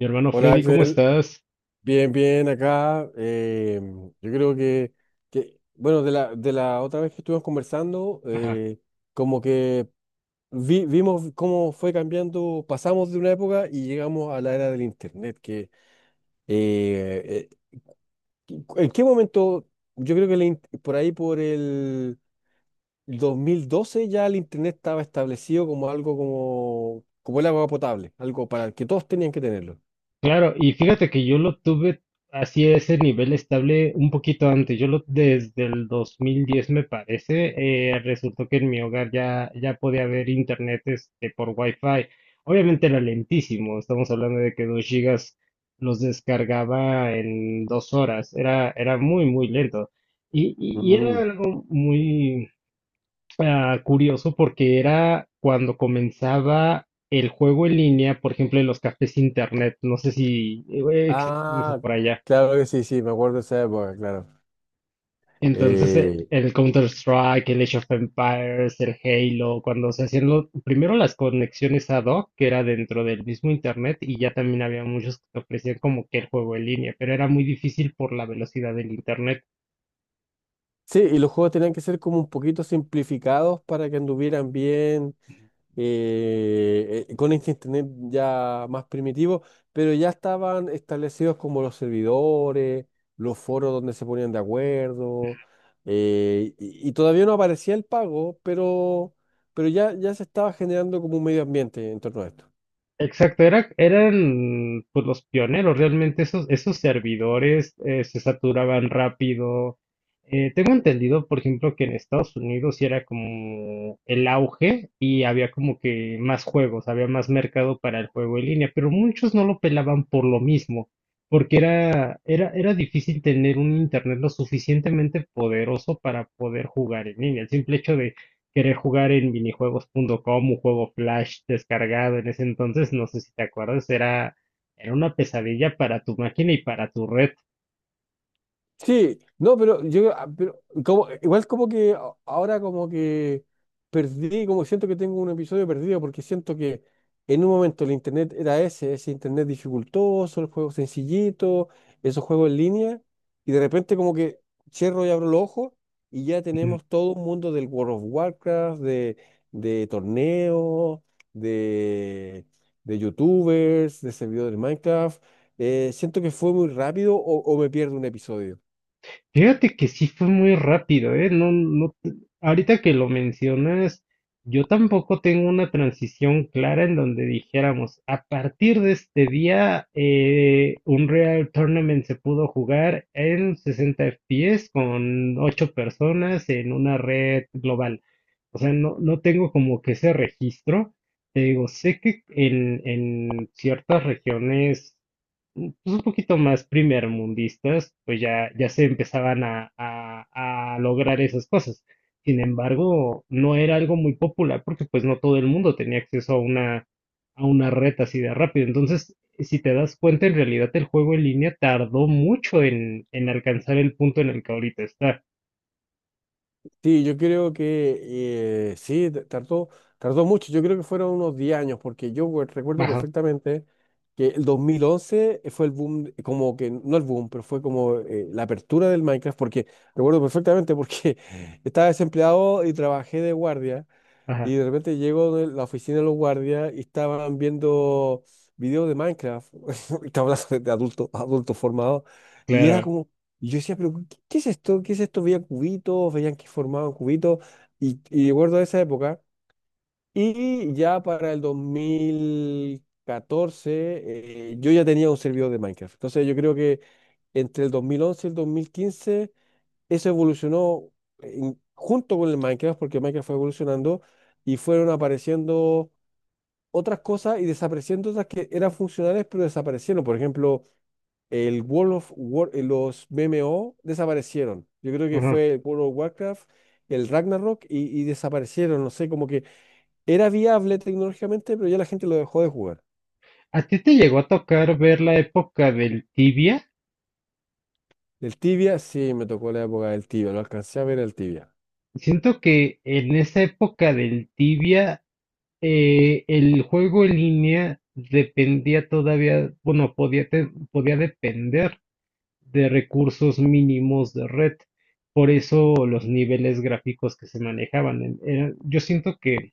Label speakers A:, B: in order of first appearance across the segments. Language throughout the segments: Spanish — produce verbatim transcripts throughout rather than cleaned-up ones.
A: Mi hermano
B: Hola
A: Freddy, ¿cómo
B: Axel,
A: estás?
B: bien, bien acá. em, yo creo que, que, bueno, de la, de la otra vez que estuvimos conversando.
A: Ajá.
B: Eh, como que vi- vimos cómo fue cambiando. Pasamos de una época y llegamos a la era del Internet, que eh, eh, ¿en qué momento? Yo creo que el in- por ahí por el dos mil doce ya el Internet estaba establecido como algo como, como el agua potable, algo para el que todos tenían que tenerlo.
A: Claro, y fíjate que yo lo tuve así a ese nivel estable un poquito antes. Yo lo desde el dos mil diez me parece. Eh, resultó que en mi hogar ya, ya podía haber internet este, por Wi-Fi. Obviamente era lentísimo. Estamos hablando de que dos gigas los descargaba en dos horas. Era, era muy, muy lento. Y, y, y era algo muy, ah, curioso, porque era cuando comenzaba el juego en línea, por ejemplo, en los cafés internet, no sé si eh, existe eso
B: Ah,
A: por allá.
B: claro que sí, sí, me acuerdo de esa época, claro.
A: Entonces, eh,
B: Eh,
A: el Counter-Strike, el Age of Empires, el Halo, cuando se hacían lo- primero las conexiones ad hoc, que era dentro del mismo internet, y ya también había muchos que te ofrecían como que el juego en línea, pero era muy difícil por la velocidad del internet.
B: sí, y los juegos tenían que ser como un poquito simplificados para que anduvieran bien, eh, eh, con este internet ya más primitivo. Pero ya estaban establecidos como los servidores, los foros donde se ponían de acuerdo. Eh, y, y todavía no aparecía el pago, pero, pero ya, ya se estaba generando como un medio ambiente en torno a esto.
A: Exacto, era, eran pues los pioneros, realmente esos, esos servidores eh, se saturaban rápido. Eh, tengo entendido, por ejemplo, que en Estados Unidos sí era como el auge y había como que más juegos, había más mercado para el juego en línea, pero muchos no lo pelaban por lo mismo, porque era, era, era difícil tener un internet lo suficientemente poderoso para poder jugar en línea. El simple hecho de querer jugar en minijuegos punto com, un juego Flash descargado en ese entonces, no sé si te acuerdas, era, era una pesadilla para tu máquina y para tu red.
B: Sí, no, pero yo, ah, pero como, igual como que a- ahora como que perdí, como siento que tengo un episodio perdido, porque siento que en un momento el internet era ese, ese internet dificultoso, el juego sencillito, esos juegos en línea. Y de repente como que cierro y abro los ojos y ya
A: Ujú.
B: tenemos todo un mundo del World of Warcraft, de, de torneos, de, de YouTubers, de servidores Minecraft. Eh, siento que fue muy rápido o o me pierdo un episodio.
A: Fíjate que sí fue muy rápido, ¿eh? No, no, te- Ahorita que lo mencionas, yo tampoco tengo una transición clara en donde dijéramos, a partir de este día, eh, Unreal Tournament se pudo jugar en sesenta F P S con ocho personas en una red global. O sea, no, no tengo como que ese registro. Te digo, sé que en, en ciertas regiones, mm, pues un poquito más primermundistas, pues ya, ya se empezaban a, a, a lograr esas cosas. Sin embargo, no era algo muy popular porque pues no todo el mundo tenía acceso a una, a una red así de rápido. Entonces, si te das cuenta, en realidad el juego en línea tardó mucho en, en alcanzar el punto en el que ahorita está.
B: Sí, yo creo que eh, sí, t- tardó, tardó mucho. Yo creo que fueron unos diez años, porque yo we- recuerdo
A: Ajá,
B: perfectamente que el dos mil once fue el boom, eh, como que, no el boom, pero fue como eh, la apertura del Minecraft, porque recuerdo perfectamente porque estaba desempleado y trabajé de guardia.
A: ajá,
B: Y de repente llego de la oficina de los guardias y estaban viendo videos de Minecraft. Estaba hablando de adultos, adultos formados. Y era
A: claro.
B: como, y yo decía, pero ¿qué, qué es esto? ¿Qué es esto? Veía cubitos, veían que formaban cubitos. Y, y recuerdo esa época. Y ya para el dos mil catorce, eh, yo ya tenía un servidor de Minecraft. Entonces yo creo que entre el dos mil once y el dos mil quince eso evolucionó en- junto con el Minecraft, porque Minecraft fue evolucionando y fueron apareciendo otras cosas y desapareciendo otras que eran funcionales, pero desaparecieron. Por ejemplo, el World of War, eh, los M M O desaparecieron. Yo creo que
A: Ajá.
B: fue el World of Warcraft, el Ragnarok y, y desaparecieron. No sé, como que era viable tecnológicamente, pero ya la gente lo dejó de jugar.
A: ¿A ti te llegó a tocar ver la época del Tibia?
B: El Tibia, sí, me tocó la época del Tibia, lo alcancé a ver el Tibia.
A: Siento que en esa época del Tibia, eh, el juego en línea dependía todavía, bueno, podía, te- podía depender de recursos mínimos de red. Por eso los niveles gráficos que se manejaban, en- eran- yo siento que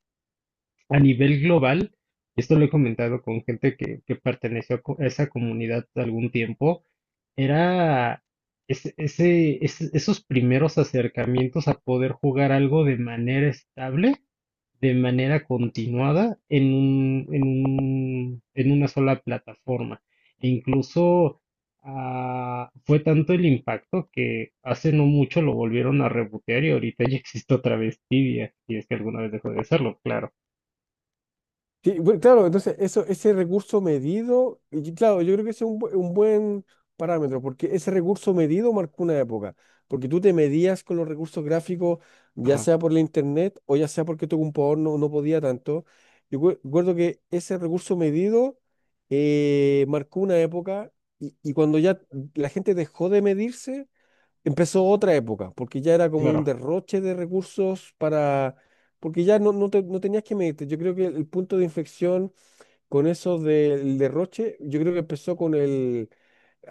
A: a nivel global, esto lo he comentado con gente que, que perteneció a co- a esa comunidad algún tiempo. Era ese, ese- es- esos primeros acercamientos a poder jugar algo de manera estable, de manera continuada, en un- en un- en una sola plataforma. E incluso, ah, fue tanto el impacto que hace no mucho lo volvieron a rebotear y ahorita ya existe otra vez Tibia, si es que alguna vez dejó de serlo, claro.
B: Sí, bueno, claro, entonces eso, ese recurso medido, y claro, yo creo que ese es un, bu- un buen parámetro, porque ese recurso medido marcó una época, porque tú te medías con los recursos gráficos, ya
A: Ajá,
B: sea por la internet o ya sea porque tu computador no, no podía tanto. Yo cue- recuerdo que ese recurso medido eh, marcó una época. Y, y cuando ya la gente dejó de medirse, empezó otra época, porque ya era como un
A: claro.
B: derroche de recursos para, porque ya no, no, te- no tenías que medirte. Yo creo que el punto de inflexión con eso del derroche, yo creo que empezó con el,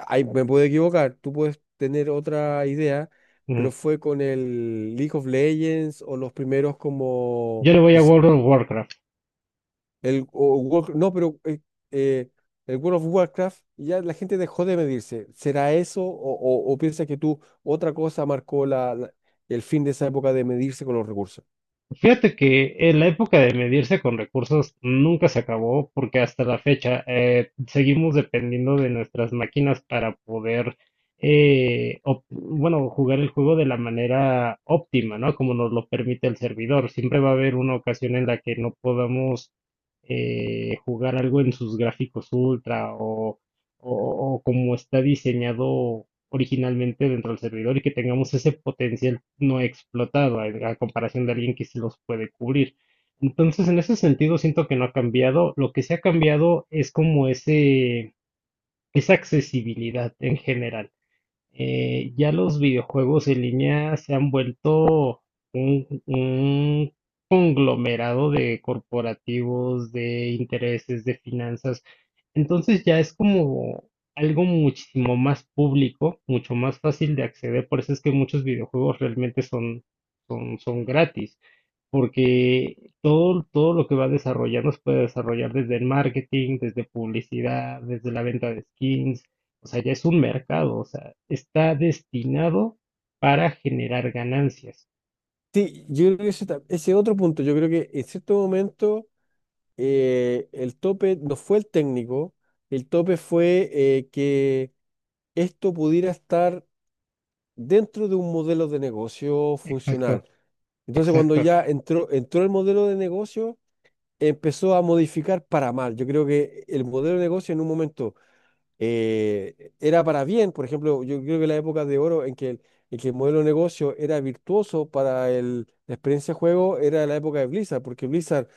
B: ay, me puedo equivocar, tú puedes tener otra idea,
A: Ujú.
B: pero fue con el League of Legends o los primeros como,
A: Yo le voy
B: no
A: a
B: sé
A: World of Warcraft.
B: el, o Warcraft- no, pero eh, eh, el World of Warcraft ya la gente dejó de medirse. ¿Será eso o, o- o piensa que tú otra cosa marcó la, la- el fin de esa época de medirse con los recursos?
A: Fíjate que en la época de medirse con recursos nunca se acabó porque hasta la fecha eh, seguimos dependiendo de nuestras máquinas para poder eh, op- bueno, jugar el juego de la manera óptima, ¿no? Como nos lo permite el servidor. Siempre va a haber una ocasión en la que no podamos eh, jugar algo en sus gráficos ultra o, o- o como está diseñado originalmente dentro del servidor y que tengamos ese potencial no explotado a, a comparación de alguien que sí los puede cubrir. Entonces, en ese sentido, siento que no ha cambiado. Lo que sí ha cambiado es como ese, esa accesibilidad en general. Eh, ya los videojuegos en línea se han vuelto un, un conglomerado de corporativos, de intereses, de finanzas. Entonces ya es como algo muchísimo más público, mucho más fácil de acceder. Por eso es que muchos videojuegos realmente son, son, son gratis, porque todo, todo lo que va desarrollando se puede desarrollar desde el marketing, desde publicidad, desde la venta de skins. O sea, ya es un mercado, o sea, está destinado para generar ganancias.
B: Sí, yo creo que ese, ta- ese otro punto, yo creo que en cierto momento eh, el tope no fue el técnico, el tope fue eh, que esto pudiera estar dentro de un modelo de negocio
A: Exacto,
B: funcional. Entonces, cuando
A: exacto.
B: ya entró, entró el modelo de negocio, empezó a modificar para mal. Yo creo que el modelo de negocio en un momento eh, era para bien. Por ejemplo, yo creo que la época de oro en que el, en que el modelo de negocio era virtuoso para el- la experiencia de juego era la época de Blizzard, porque Blizzard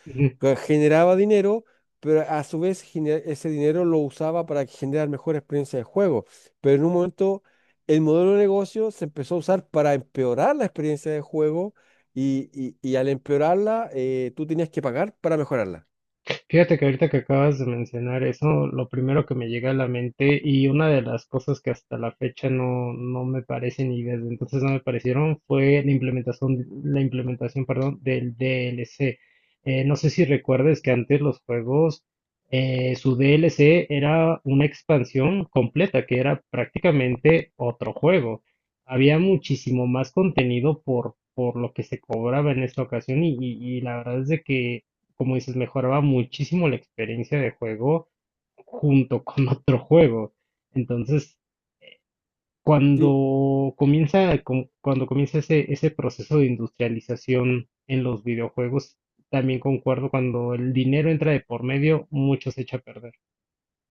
B: eh, generaba dinero, pero a su vez gene- ese dinero lo usaba para generar mejor experiencia de juego. Pero en un momento. El modelo de negocio se empezó a usar para empeorar la experiencia de juego y, y- y al empeorarla, eh, tú tenías que pagar para mejorarla.
A: Fíjate que ahorita que acabas de mencionar eso, lo primero que me llega a la mente y una de las cosas que hasta la fecha no, no me parecen y desde entonces no me parecieron fue la implementación, la implementación, perdón, del D L C. Eh, no sé si recuerdes que antes los juegos, eh, su D L C era una expansión completa, que era prácticamente otro juego. Había muchísimo más contenido por, por lo que se cobraba en esta ocasión y, y- y la verdad es de que como dices, mejoraba muchísimo la experiencia de juego junto con otro juego. Entonces,
B: Sí,
A: cuando comienza, com- cuando comienza ese, ese proceso de industrialización en los videojuegos, también concuerdo, cuando el dinero entra de por medio, mucho se echa a perder.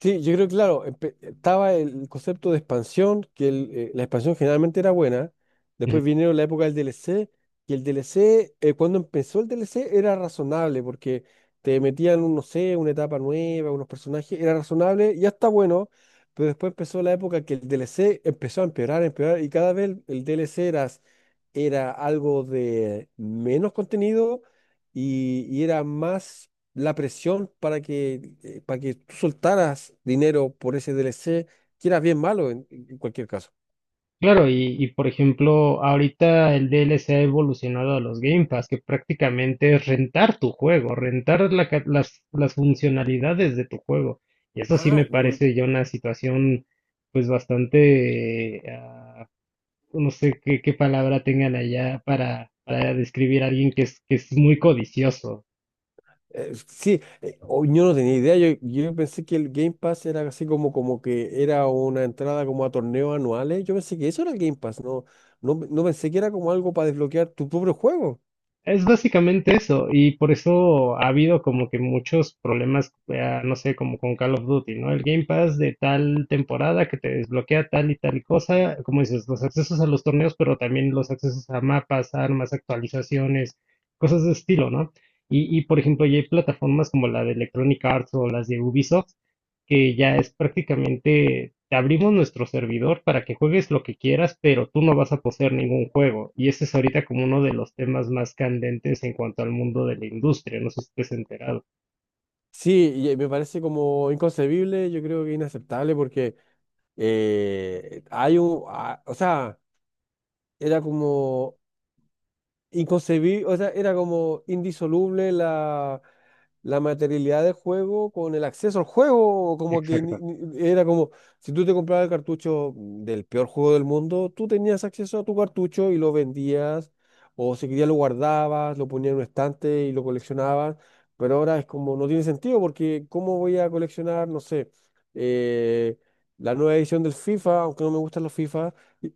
B: sí, yo creo que, claro, empe- estaba el concepto de expansión, que el, eh, la expansión generalmente era buena. Después vinieron la época del D L C, y el D L C, eh, cuando empezó el D L C, era razonable, porque te metían, un, no sé, una etapa nueva, unos personajes, era razonable, ya está bueno, pero después empezó la época que el D L C empezó a empeorar, empeorar, y cada vez el, el D L C era, era algo de menos contenido y, y era más la presión para que, eh, para que tú soltaras dinero por ese D L C, que era bien malo en, en cualquier caso.
A: Claro, y, y, por ejemplo, ahorita el D L C ha evolucionado a los Game Pass, que prácticamente es rentar tu juego, rentar la ca- las, las funcionalidades de tu juego. Y eso sí me
B: Ah, mm,
A: parece ya una situación pues bastante, ah, no sé qué, qué palabra tengan allá para, para describir a alguien que es, que es muy codicioso.
B: eh, sí, eh, oh, yo, no tenía idea. Yo, yo pensé que el Game Pass era así como, como que era una entrada como a torneos anuales. Yo pensé que eso era el Game Pass. No, no, no pensé que era como algo para desbloquear tu propio juego.
A: Es básicamente eso, y por eso ha habido como que muchos problemas, eh, no sé, como con Call of Duty, ¿no? El Game Pass de tal temporada que te desbloquea tal y tal cosa, como dices, los accesos a los torneos, pero también los accesos a mapas, armas, actualizaciones, cosas de estilo, ¿no? Y, y por ejemplo, ya hay plataformas como la de Electronic Arts o las de Ubisoft, que ya es prácticamente, te abrimos nuestro servidor para que juegues lo que quieras, pero tú no vas a poseer ningún juego. Y ese es ahorita como uno de los temas más candentes en cuanto al mundo de la industria, no sé si estés enterado.
B: Sí, y, eh, me parece como inconcebible, yo creo que inaceptable porque eh, hay un, ah, o sea, era como inconcebible. O sea, era como indisoluble la, la materialidad del juego con el acceso al juego, como que ni-
A: Exacto,
B: ni- era como, si tú te comprabas el cartucho del peor juego del mundo, tú tenías acceso a tu cartucho y lo vendías, o si querías lo guardabas, lo ponías en un estante y lo coleccionabas, pero ahora es como, no tiene sentido, porque ¿cómo voy a coleccionar, no sé, eh, la nueva edición del FIFA, aunque no me gustan los FIFA, y, y,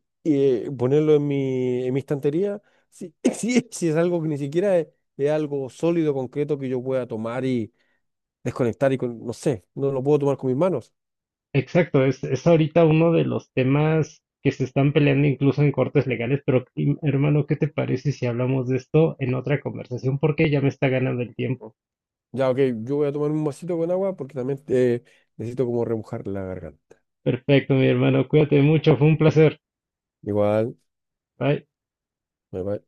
B: eh, ponerlo en mi, en mi estantería? Sí, sí, sí, es algo que ni siquiera es, es algo sólido, concreto que yo pueda tomar y desconectar y con, no sé, no lo puedo tomar con mis manos.
A: exacto, es, es ahorita uno de los temas que se están peleando incluso en cortes legales, pero im- hermano, ¿qué te parece si hablamos de esto en otra conversación? Porque ya me está ganando el tiempo.
B: Ya, ok, yo voy a tomar un vasito con agua porque también eh, necesito como remojar la garganta.
A: Perfecto, mi hermano, cuídate mucho, fue un placer.
B: Igual,
A: Bye.
B: me va.